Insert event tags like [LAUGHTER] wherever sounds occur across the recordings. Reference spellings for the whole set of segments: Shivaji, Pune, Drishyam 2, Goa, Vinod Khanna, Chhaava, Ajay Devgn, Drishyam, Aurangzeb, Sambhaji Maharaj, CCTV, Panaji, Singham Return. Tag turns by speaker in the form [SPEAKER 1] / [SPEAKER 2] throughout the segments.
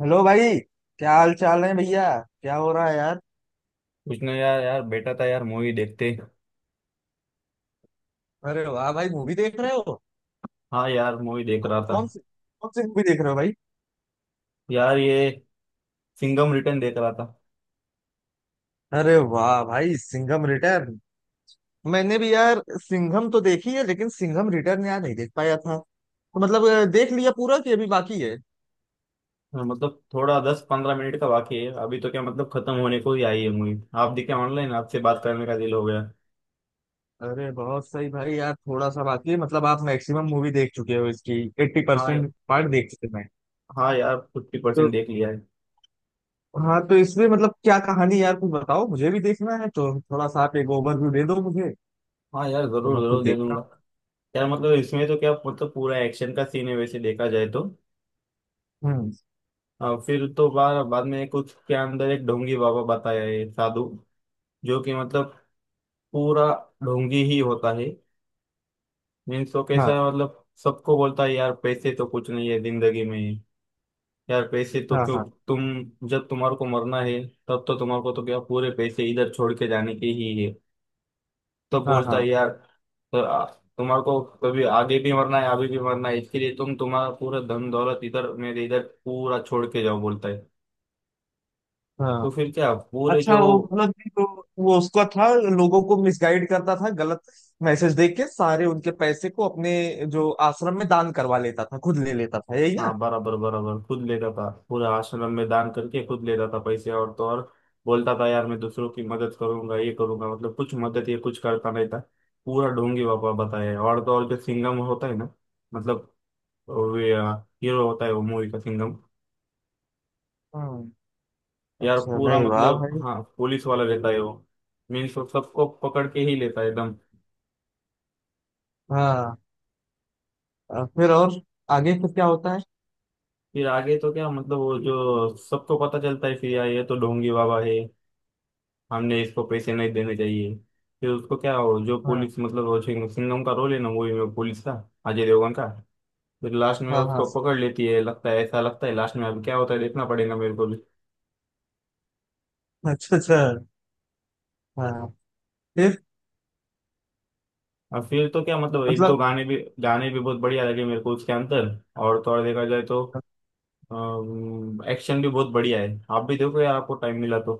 [SPEAKER 1] Hello भाई। क्या हाल चाल है भैया। क्या हो रहा है यार।
[SPEAKER 2] कुछ ना यार यार बेटा था यार मूवी देखते।
[SPEAKER 1] अरे वाह भाई मूवी देख रहे हो।
[SPEAKER 2] हाँ यार मूवी देख
[SPEAKER 1] कौ,
[SPEAKER 2] रहा था।
[SPEAKER 1] कौन सी कौन सी मूवी देख रहे हो भाई।
[SPEAKER 2] यार ये सिंघम रिटर्न देख रहा था।
[SPEAKER 1] अरे वाह भाई सिंघम रिटर्न। मैंने भी यार सिंघम तो देखी है लेकिन सिंघम रिटर्न यार नहीं देख पाया था। तो मतलब देख लिया पूरा कि अभी बाकी है।
[SPEAKER 2] हाँ, मतलब थोड़ा 10-15 मिनट का बाकी है, अभी तो क्या मतलब खत्म होने को ही आई है मूवी। आप देखे ऑनलाइन, आपसे बात करने का दिल हो गया।
[SPEAKER 1] अरे बहुत सही भाई यार थोड़ा सा बाकी है, मतलब आप मैक्सिमम मूवी देख चुके हो, इसकी एट्टी
[SPEAKER 2] हाँ,
[SPEAKER 1] परसेंट पार्ट देख चुके हैं।
[SPEAKER 2] हाँ यार फिफ्टी
[SPEAKER 1] तो
[SPEAKER 2] परसेंट देख लिया है।
[SPEAKER 1] हाँ, तो इसमें मतलब क्या कहानी, यार कुछ बताओ, मुझे भी देखना है तो थोड़ा सा आप एक ओवरव्यू दे दो मुझे।
[SPEAKER 2] हाँ यार
[SPEAKER 1] तो
[SPEAKER 2] जरूर
[SPEAKER 1] मैं
[SPEAKER 2] जरूर
[SPEAKER 1] खुद
[SPEAKER 2] दे
[SPEAKER 1] देखता
[SPEAKER 2] दूंगा।
[SPEAKER 1] हूँ।
[SPEAKER 2] यार मतलब इसमें तो क्या मतलब पूरा एक्शन का सीन है, वैसे देखा जाए तो।
[SPEAKER 1] हम्म।
[SPEAKER 2] फिर तो बार बाद में कुछ के अंदर एक ढोंगी बाबा बताया है साधु, जो कि मतलब पूरा ढोंगी ही होता है। मीन्स वो कैसा
[SPEAKER 1] हाँ।
[SPEAKER 2] है, मतलब सबको बोलता है, यार पैसे तो कुछ नहीं है जिंदगी में। यार पैसे तो
[SPEAKER 1] हाँ।
[SPEAKER 2] क्यों,
[SPEAKER 1] हाँ।
[SPEAKER 2] तुम जब तुम्हारे को मरना है तब तो तुम्हारे को तो क्या पूरे पैसे इधर छोड़ के जाने के ही है, तब
[SPEAKER 1] हाँ।
[SPEAKER 2] बोलता
[SPEAKER 1] हाँ।
[SPEAKER 2] है यार। तो आ- तुम्हारे को कभी आगे भी मरना है, अभी भी मरना है, इसके लिए तुम तुम्हारा पूरा धन दौलत इधर मेरे इधर पूरा छोड़ के जाओ, बोलता है।
[SPEAKER 1] हाँ।
[SPEAKER 2] तो फिर क्या पूरे
[SPEAKER 1] अच्छा,
[SPEAKER 2] जो।
[SPEAKER 1] वो मतलब कि तो वो उसका था। लोगों को मिसगाइड करता था, गलत मैसेज देख के सारे उनके पैसे को अपने जो आश्रम में दान करवा लेता था, खुद ले लेता था, यही ना।
[SPEAKER 2] हाँ बराबर बराबर, खुद लेता था पूरा, आश्रम में दान करके खुद लेता था पैसे। और तो और बोलता था यार, मैं दूसरों की मदद करूंगा, ये करूंगा, मतलब कुछ मदद ये कुछ करता नहीं था। पूरा ढोंगी बाबा बताया। और तो और जो सिंघम होता है ना, मतलब वे हीरो होता है वो, मूवी का सिंघम।
[SPEAKER 1] हम्म।
[SPEAKER 2] यार
[SPEAKER 1] अच्छा,
[SPEAKER 2] पूरा
[SPEAKER 1] नहीं वाह
[SPEAKER 2] मतलब,
[SPEAKER 1] भाई।
[SPEAKER 2] हाँ पुलिस वाला रहता है वो। मीन्स वो सबको पकड़ के ही लेता है एकदम।
[SPEAKER 1] हाँ, फिर और आगे फिर क्या होता है।
[SPEAKER 2] फिर आगे तो क्या मतलब वो जो सबको पता चलता है फिर यार, ये तो ढोंगी बाबा है, हमने इसको पैसे नहीं देने चाहिए। फिर उसको क्या हो, जो
[SPEAKER 1] हाँ।
[SPEAKER 2] पुलिस मतलब वो सिंघम का रोल है ना मूवी में पुलिस का, अजय देवगन का। फिर लास्ट में
[SPEAKER 1] हाँ। हाँ।
[SPEAKER 2] उसको पकड़ लेती है, लगता है ऐसा, लगता है लास्ट में। अब क्या होता है देखना पड़ेगा मेरे को भी।
[SPEAKER 1] अच्छा अच्छा। हाँ। फिर
[SPEAKER 2] और फिर तो क्या मतलब एक दो
[SPEAKER 1] मतलब।
[SPEAKER 2] गाने भी बहुत बढ़िया लगे मेरे को उसके अंदर। और थोड़ा देखा जाए तो एक्शन भी बहुत बढ़िया है, आप भी देखो यार, आपको टाइम मिला तो।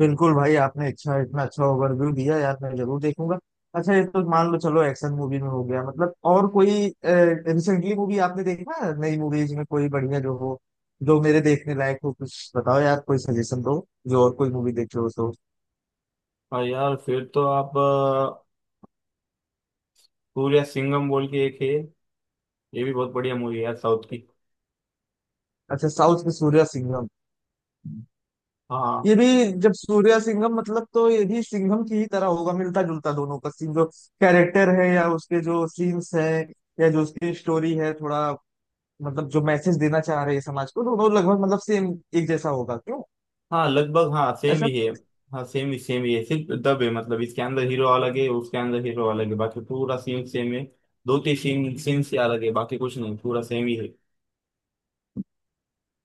[SPEAKER 1] बिल्कुल भाई, आपने अच्छा, इतना अच्छा ओवरव्यू दिया यार, मैं जरूर देखूंगा। अच्छा, ये तो मान लो चलो एक्शन मूवी में हो गया, मतलब और कोई रिसेंटली मूवी आपने देखा है? नई मूवीज में कोई बढ़िया जो हो, जो मेरे देखने लायक हो, कुछ बताओ यार, कोई सजेशन दो, जो और कोई मूवी देखे हो तो।
[SPEAKER 2] और यार फिर तो आप सूर्या सिंघम बोल के एक है, ये भी बहुत बढ़िया मूवी है यार, साउथ की।
[SPEAKER 1] अच्छा, साउथ में सूर्या सिंघम।
[SPEAKER 2] हाँ।
[SPEAKER 1] ये भी। जब सूर्या सिंघम मतलब तो ये भी सिंघम की ही तरह होगा, मिलता जुलता दोनों का सीन जो कैरेक्टर है या उसके जो सीन्स है या जो उसकी स्टोरी है, थोड़ा मतलब जो मैसेज देना चाह रहे हैं समाज को, दोनों लगभग मतलब सेम एक जैसा होगा क्यों।
[SPEAKER 2] हाँ लगभग, हाँ सेम
[SPEAKER 1] ऐसा।
[SPEAKER 2] ही है। हाँ सेम ही है, सिर्फ दब है, मतलब इसके अंदर हीरो अलग है, उसके अंदर हीरो अलग है, बाकी पूरा सीन सेम है। दो तीन सीन सीन से अलग है, बाकी कुछ नहीं पूरा सेम ही है।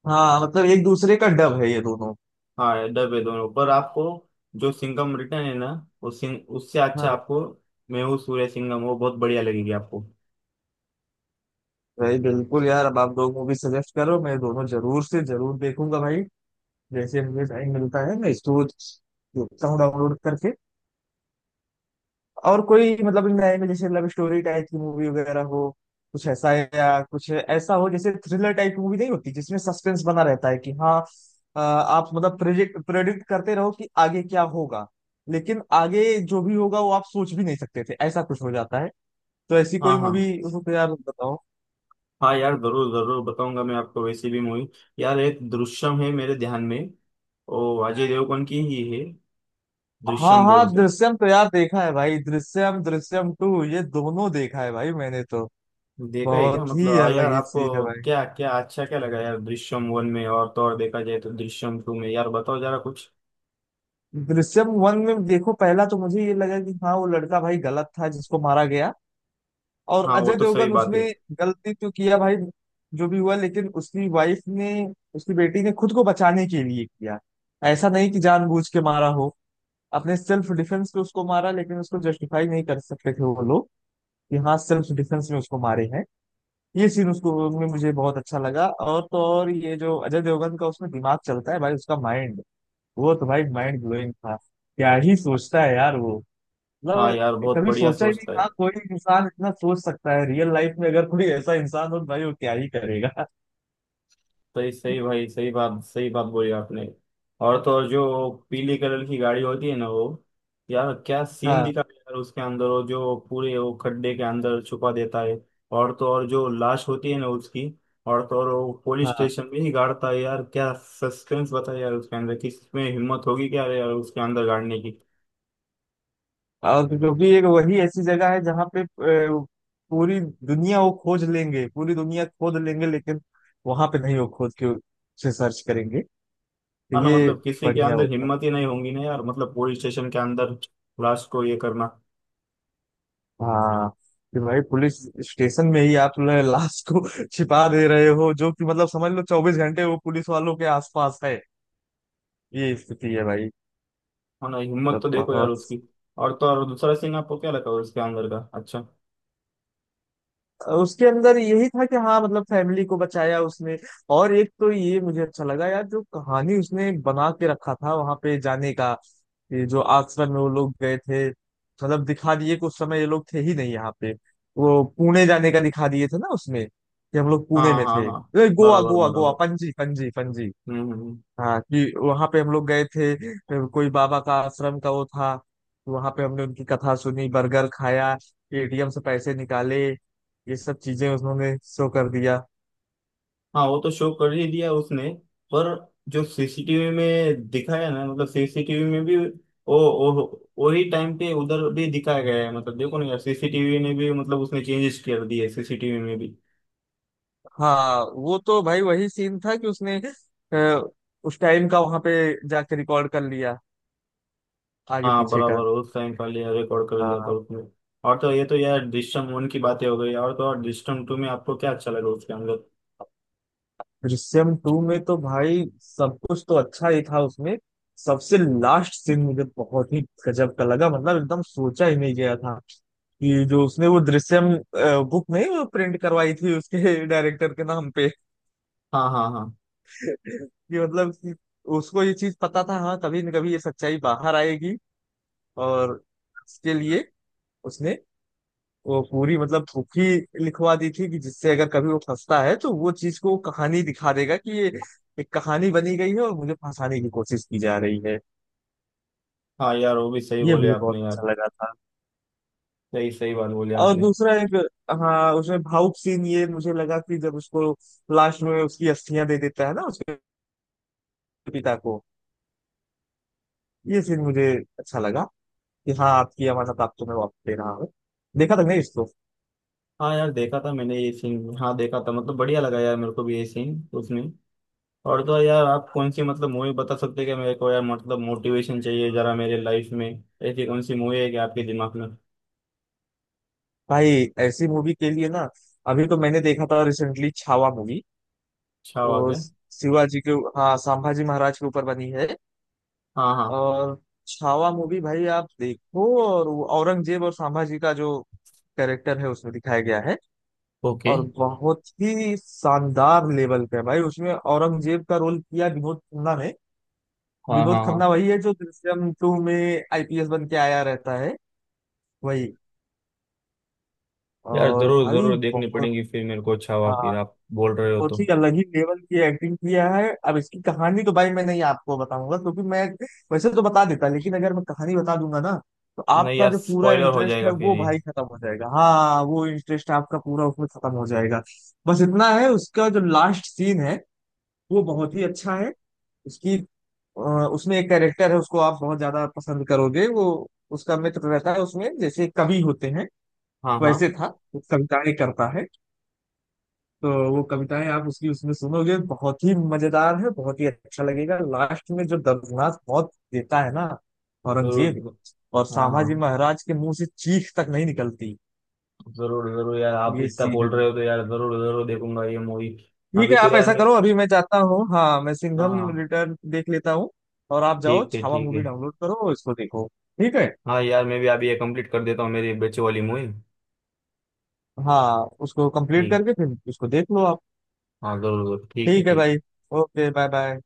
[SPEAKER 1] हाँ, मतलब एक दूसरे का डब है ये दोनों।
[SPEAKER 2] हाँ डब है दोनों, पर आपको जो सिंघम रिटर्न है ना, वो सिंग, उससे अच्छा
[SPEAKER 1] हाँ।
[SPEAKER 2] आपको, मैं हूँ सूर्य सिंघम, वो बहुत बढ़िया लगेगी आपको।
[SPEAKER 1] भाई बिल्कुल यार, अब आप दो मूवी सजेस्ट करो, मैं दोनों जरूर से जरूर देखूंगा भाई। जैसे मुझे टाइम मिलता है मैं इसको देखता हूँ डाउनलोड करके। और कोई मतलब नए में जैसे लव स्टोरी टाइप की मूवी वगैरह हो, कुछ ऐसा है या कुछ ऐसा हो जैसे थ्रिलर टाइप की मूवी नहीं होती जिसमें सस्पेंस बना रहता है कि हाँ, आप मतलब प्रोजेक्ट प्रेडिक्ट करते रहो कि आगे क्या होगा। लेकिन आगे जो भी होगा वो आप सोच भी नहीं सकते थे, ऐसा कुछ हो जाता है। तो ऐसी
[SPEAKER 2] हाँ
[SPEAKER 1] कोई
[SPEAKER 2] हाँ।
[SPEAKER 1] मूवी उसको तो यार बताओ।
[SPEAKER 2] हाँ यार जरूर जरूर बताऊंगा मैं आपको वैसी भी मूवी। यार एक दृश्यम है मेरे ध्यान में, ओ अजय देवगन की ही है,
[SPEAKER 1] हाँ
[SPEAKER 2] दृश्यम बोल
[SPEAKER 1] हाँ,
[SPEAKER 2] के।
[SPEAKER 1] दृश्यम तो यार देखा है भाई, दृश्यम, दृश्यम टू, ये दोनों देखा है भाई मैंने तो।
[SPEAKER 2] देखा है क्या,
[SPEAKER 1] बहुत
[SPEAKER 2] मतलब
[SPEAKER 1] ही
[SPEAKER 2] आ यार
[SPEAKER 1] अलग ही
[SPEAKER 2] आपको
[SPEAKER 1] सीन है भाई।
[SPEAKER 2] क्या क्या अच्छा क्या लगा यार दृश्यम वन में, और तो और देखा जाए तो दृश्यम टू में, यार बताओ जरा कुछ।
[SPEAKER 1] दृश्यम वन में देखो, पहला तो मुझे ये लगा कि हाँ, वो लड़का भाई गलत था जिसको मारा गया। और
[SPEAKER 2] हाँ वो
[SPEAKER 1] अजय
[SPEAKER 2] तो सही
[SPEAKER 1] देवगन
[SPEAKER 2] बात है।
[SPEAKER 1] उसमें गलती तो किया भाई, जो भी हुआ, लेकिन उसकी वाइफ ने, उसकी बेटी ने खुद को बचाने के लिए किया। ऐसा नहीं कि जानबूझ के मारा हो, अपने सेल्फ डिफेंस पे उसको मारा, लेकिन उसको जस्टिफाई नहीं कर सकते थे वो लोग कि हाँ सेल्फ डिफेंस में उसको मारे हैं। ये सीन उसको में मुझे बहुत अच्छा लगा, और तो और ये जो अजय देवगन का उसमें दिमाग चलता है भाई उसका माइंड, वो तो भाई माइंड ब्लोइंग था, क्या ही सोचता है यार वो।
[SPEAKER 2] हाँ यार
[SPEAKER 1] मतलब
[SPEAKER 2] बहुत
[SPEAKER 1] कभी
[SPEAKER 2] बढ़िया
[SPEAKER 1] सोचा ही नहीं,
[SPEAKER 2] सोचता है,
[SPEAKER 1] हाँ, कोई इंसान इतना सोच सकता है, रियल लाइफ में अगर कोई ऐसा इंसान हो तो भाई वो क्या ही करेगा। [LAUGHS]
[SPEAKER 2] सही सही भाई, सही बात बोली आपने। और तो और जो पीले कलर की गाड़ी होती है ना वो, यार क्या सीन
[SPEAKER 1] हाँ।
[SPEAKER 2] दिखा है यार उसके अंदर, वो जो पूरे वो खड्डे के अंदर छुपा देता है। और तो और जो लाश होती है ना उसकी, और तो और वो पुलिस
[SPEAKER 1] हाँ।
[SPEAKER 2] स्टेशन में ही गाड़ता है, यार क्या सस्पेंस बताया यार उसके अंदर, किसमें हिम्मत होगी क्या यार उसके अंदर गाड़ने की।
[SPEAKER 1] और क्योंकि एक वही ऐसी जगह है जहाँ पे पूरी दुनिया वो खोज लेंगे, पूरी दुनिया खोद लेंगे, लेकिन वहां पे नहीं वो खोद के उसे सर्च करेंगे, तो
[SPEAKER 2] हाँ ना
[SPEAKER 1] ये
[SPEAKER 2] मतलब किसी के
[SPEAKER 1] बढ़िया
[SPEAKER 2] अंदर
[SPEAKER 1] होगा।
[SPEAKER 2] हिम्मत ही नहीं होगी ना यार, मतलब पुलिस स्टेशन के अंदर लाश को ये करना।
[SPEAKER 1] हाँ, कि भाई पुलिस स्टेशन में ही आप जो है लाश को [LAUGHS] छिपा दे रहे हो, जो कि मतलब समझ लो 24 घंटे वो पुलिस वालों के आसपास है। ये स्थिति है भाई।
[SPEAKER 2] हाँ ना, हिम्मत
[SPEAKER 1] तो
[SPEAKER 2] तो देखो यार
[SPEAKER 1] बहुत।
[SPEAKER 2] उसकी। और तो और दूसरा सीन आपको क्या लगा उसके अंदर का, अच्छा।
[SPEAKER 1] उसके अंदर यही था कि हाँ मतलब फैमिली को बचाया उसने। और एक तो ये मुझे अच्छा लगा यार जो कहानी उसने बना के रखा था वहां पे जाने का। ये जो आश्रम में वो लोग गए थे, मतलब दिखा दिए कि उस समय ये लोग थे ही नहीं यहाँ पे। वो पुणे जाने का दिखा दिए थे ना उसमें कि हम लोग
[SPEAKER 2] हाँ
[SPEAKER 1] पुणे में
[SPEAKER 2] हाँ
[SPEAKER 1] थे,
[SPEAKER 2] हाँ,
[SPEAKER 1] अरे गोवा
[SPEAKER 2] बराबर
[SPEAKER 1] गोवा गोवा,
[SPEAKER 2] बराबर।
[SPEAKER 1] पणजी पणजी पणजी।
[SPEAKER 2] हम्म हम्म हम्म।
[SPEAKER 1] हाँ कि वहां पे हम लोग गए थे, कोई बाबा का आश्रम का वो था। वहां पे हमने उनकी कथा सुनी, बर्गर खाया, एटीएम से पैसे निकाले। ये सब चीजें उन्होंने शो कर दिया।
[SPEAKER 2] हाँ वो तो शो कर ही दिया उसने, पर जो सीसीटीवी में दिखाया ना, मतलब सीसीटीवी में भी वो वो वही टाइम पे उधर भी दिखाया गया है, मतलब देखो ना यार, सीसीटीवी ने भी मतलब उसने चेंजेस कर दिए सीसीटीवी में भी।
[SPEAKER 1] हाँ, वो तो भाई वही सीन था कि उसने अ, उस टाइम का वहां पे जाके रिकॉर्ड कर लिया, आगे
[SPEAKER 2] हाँ
[SPEAKER 1] पीछे का।
[SPEAKER 2] बराबर, उस टाइम का लिया रिकॉर्ड कर दिया था
[SPEAKER 1] हाँ।
[SPEAKER 2] उसने। और तो ये तो यार दृश्यम वन की बातें हो गई, और तो और दृश्यम टू में आपको क्या अच्छा लगा उसके अंदर।
[SPEAKER 1] दृश्यम टू में तो भाई सब कुछ तो अच्छा ही था उसमें। सबसे लास्ट सीन मुझे बहुत ही गजब का लगा, मतलब एकदम सोचा ही नहीं गया था कि जो उसने वो दृश्यम बुक नहीं, वो प्रिंट करवाई थी उसके डायरेक्टर के नाम पे,
[SPEAKER 2] हाँ हाँ हाँ।
[SPEAKER 1] कि मतलब कि उसको ये चीज पता था हाँ, कभी न कभी ये सच्चाई बाहर आएगी। और इसके लिए उसने वो पूरी मतलब थोपी लिखवा दी थी कि जिससे अगर कभी वो फंसता है तो वो चीज को, वो कहानी दिखा देगा कि ये एक कहानी बनी गई है और मुझे फंसाने की कोशिश की जा रही है।
[SPEAKER 2] हाँ यार वो भी सही
[SPEAKER 1] ये
[SPEAKER 2] बोले
[SPEAKER 1] मुझे
[SPEAKER 2] आपने
[SPEAKER 1] बहुत
[SPEAKER 2] यार,
[SPEAKER 1] अच्छा लगा था।
[SPEAKER 2] सही सही बात बोली
[SPEAKER 1] और
[SPEAKER 2] आपने।
[SPEAKER 1] दूसरा एक, हाँ उसमें भावुक सीन ये मुझे लगा कि जब उसको लास्ट में उसकी अस्थियां दे देता है ना उसके पिता को, ये सीन मुझे अच्छा लगा कि हाँ आपकी अमानत आपको मैं वापस दे रहा हूँ। देखा था नहीं इसको।
[SPEAKER 2] हाँ यार देखा था मैंने ये सीन, हाँ देखा था, मतलब बढ़िया लगा यार मेरे को भी ये सीन उसमें। और तो यार आप कौन सी मतलब मूवी बता सकते हैं क्या मेरे को यार, मतलब मोटिवेशन चाहिए जरा मेरे लाइफ में, ऐसी कौन सी मूवी है कि आपके दिमाग में।
[SPEAKER 1] भाई ऐसी मूवी के लिए ना, अभी तो मैंने देखा था रिसेंटली छावा मूवी।
[SPEAKER 2] अच्छा हुआ
[SPEAKER 1] वो
[SPEAKER 2] क्या।
[SPEAKER 1] शिवाजी के, हाँ, संभाजी महाराज के ऊपर बनी है।
[SPEAKER 2] हाँ हाँ।
[SPEAKER 1] और छावा मूवी भाई आप देखो, और वो औरंगजेब और संभाजी का जो कैरेक्टर है उसमें दिखाया गया है।
[SPEAKER 2] ओके।
[SPEAKER 1] और बहुत ही शानदार लेवल पे है भाई, उसमें औरंगजेब का रोल किया विनोद खन्ना ने।
[SPEAKER 2] हाँ
[SPEAKER 1] विनोद
[SPEAKER 2] हाँ हाँ
[SPEAKER 1] खन्ना वही है जो दृश्यम टू में आईपीएस बन के आया रहता है, वही।
[SPEAKER 2] यार
[SPEAKER 1] और
[SPEAKER 2] जरूर
[SPEAKER 1] भाई
[SPEAKER 2] जरूर देखनी
[SPEAKER 1] बहुत।
[SPEAKER 2] पड़ेगी फिर मेरे को, अच्छा हुआ फिर
[SPEAKER 1] हाँ,
[SPEAKER 2] आप बोल रहे हो
[SPEAKER 1] बहुत
[SPEAKER 2] तो।
[SPEAKER 1] ही अलग ही लेवल की एक्टिंग किया है। अब इसकी कहानी तो भाई मैं नहीं आपको बताऊंगा, क्योंकि मैं वैसे तो बता देता, लेकिन अगर मैं कहानी बता दूंगा ना तो
[SPEAKER 2] नहीं
[SPEAKER 1] आपका
[SPEAKER 2] यार
[SPEAKER 1] जो पूरा
[SPEAKER 2] स्पॉइलर हो
[SPEAKER 1] इंटरेस्ट
[SPEAKER 2] जाएगा
[SPEAKER 1] है
[SPEAKER 2] फिर
[SPEAKER 1] वो
[SPEAKER 2] ये।
[SPEAKER 1] भाई खत्म हो जाएगा, हाँ, वो इंटरेस्ट आपका पूरा उसमें खत्म हो जाएगा। बस इतना है, उसका जो लास्ट सीन है वो बहुत ही अच्छा है। उसकी अ, उसमें एक कैरेक्टर है, उसको आप बहुत ज्यादा पसंद करोगे, वो उसका मित्र रहता है उसमें, जैसे कवि होते हैं
[SPEAKER 2] हाँ हाँ
[SPEAKER 1] वैसे था, वो कविताएं करता है। तो वो कविताएं आप उसकी उसमें सुनोगे, बहुत ही मजेदार है, बहुत ही अच्छा लगेगा, लास्ट में जो दर्दनाक मौत देता है ना औरंगजेब,
[SPEAKER 2] जरूर।
[SPEAKER 1] और
[SPEAKER 2] हाँ
[SPEAKER 1] संभाजी
[SPEAKER 2] हाँ
[SPEAKER 1] महाराज के मुंह से चीख तक नहीं निकलती।
[SPEAKER 2] जरूर जरूर यार आप
[SPEAKER 1] ये
[SPEAKER 2] इतना
[SPEAKER 1] सीन है
[SPEAKER 2] बोल रहे हो
[SPEAKER 1] भाई।
[SPEAKER 2] तो यार जरूर जरूर देखूंगा ये मूवी।
[SPEAKER 1] ठीक
[SPEAKER 2] अभी
[SPEAKER 1] है,
[SPEAKER 2] तो
[SPEAKER 1] आप
[SPEAKER 2] यार
[SPEAKER 1] ऐसा
[SPEAKER 2] मैं।
[SPEAKER 1] करो, अभी मैं जाता हूँ, हाँ मैं सिंघम
[SPEAKER 2] हाँ।
[SPEAKER 1] रिटर्न देख लेता हूँ। और आप जाओ
[SPEAKER 2] ठीक है
[SPEAKER 1] छावा
[SPEAKER 2] ठीक
[SPEAKER 1] मूवी
[SPEAKER 2] है।
[SPEAKER 1] डाउनलोड करो, इसको देखो। ठीक है।
[SPEAKER 2] हाँ यार मैं भी अभी ये कंप्लीट कर देता हूँ मेरी बच्चों वाली मूवी।
[SPEAKER 1] हाँ, उसको कंप्लीट
[SPEAKER 2] ठीक।
[SPEAKER 1] करके फिर इसको देख लो आप।
[SPEAKER 2] हाँ जरूर जरूर ठीक है
[SPEAKER 1] ठीक है
[SPEAKER 2] ठीक।
[SPEAKER 1] भाई। Okay bye bye.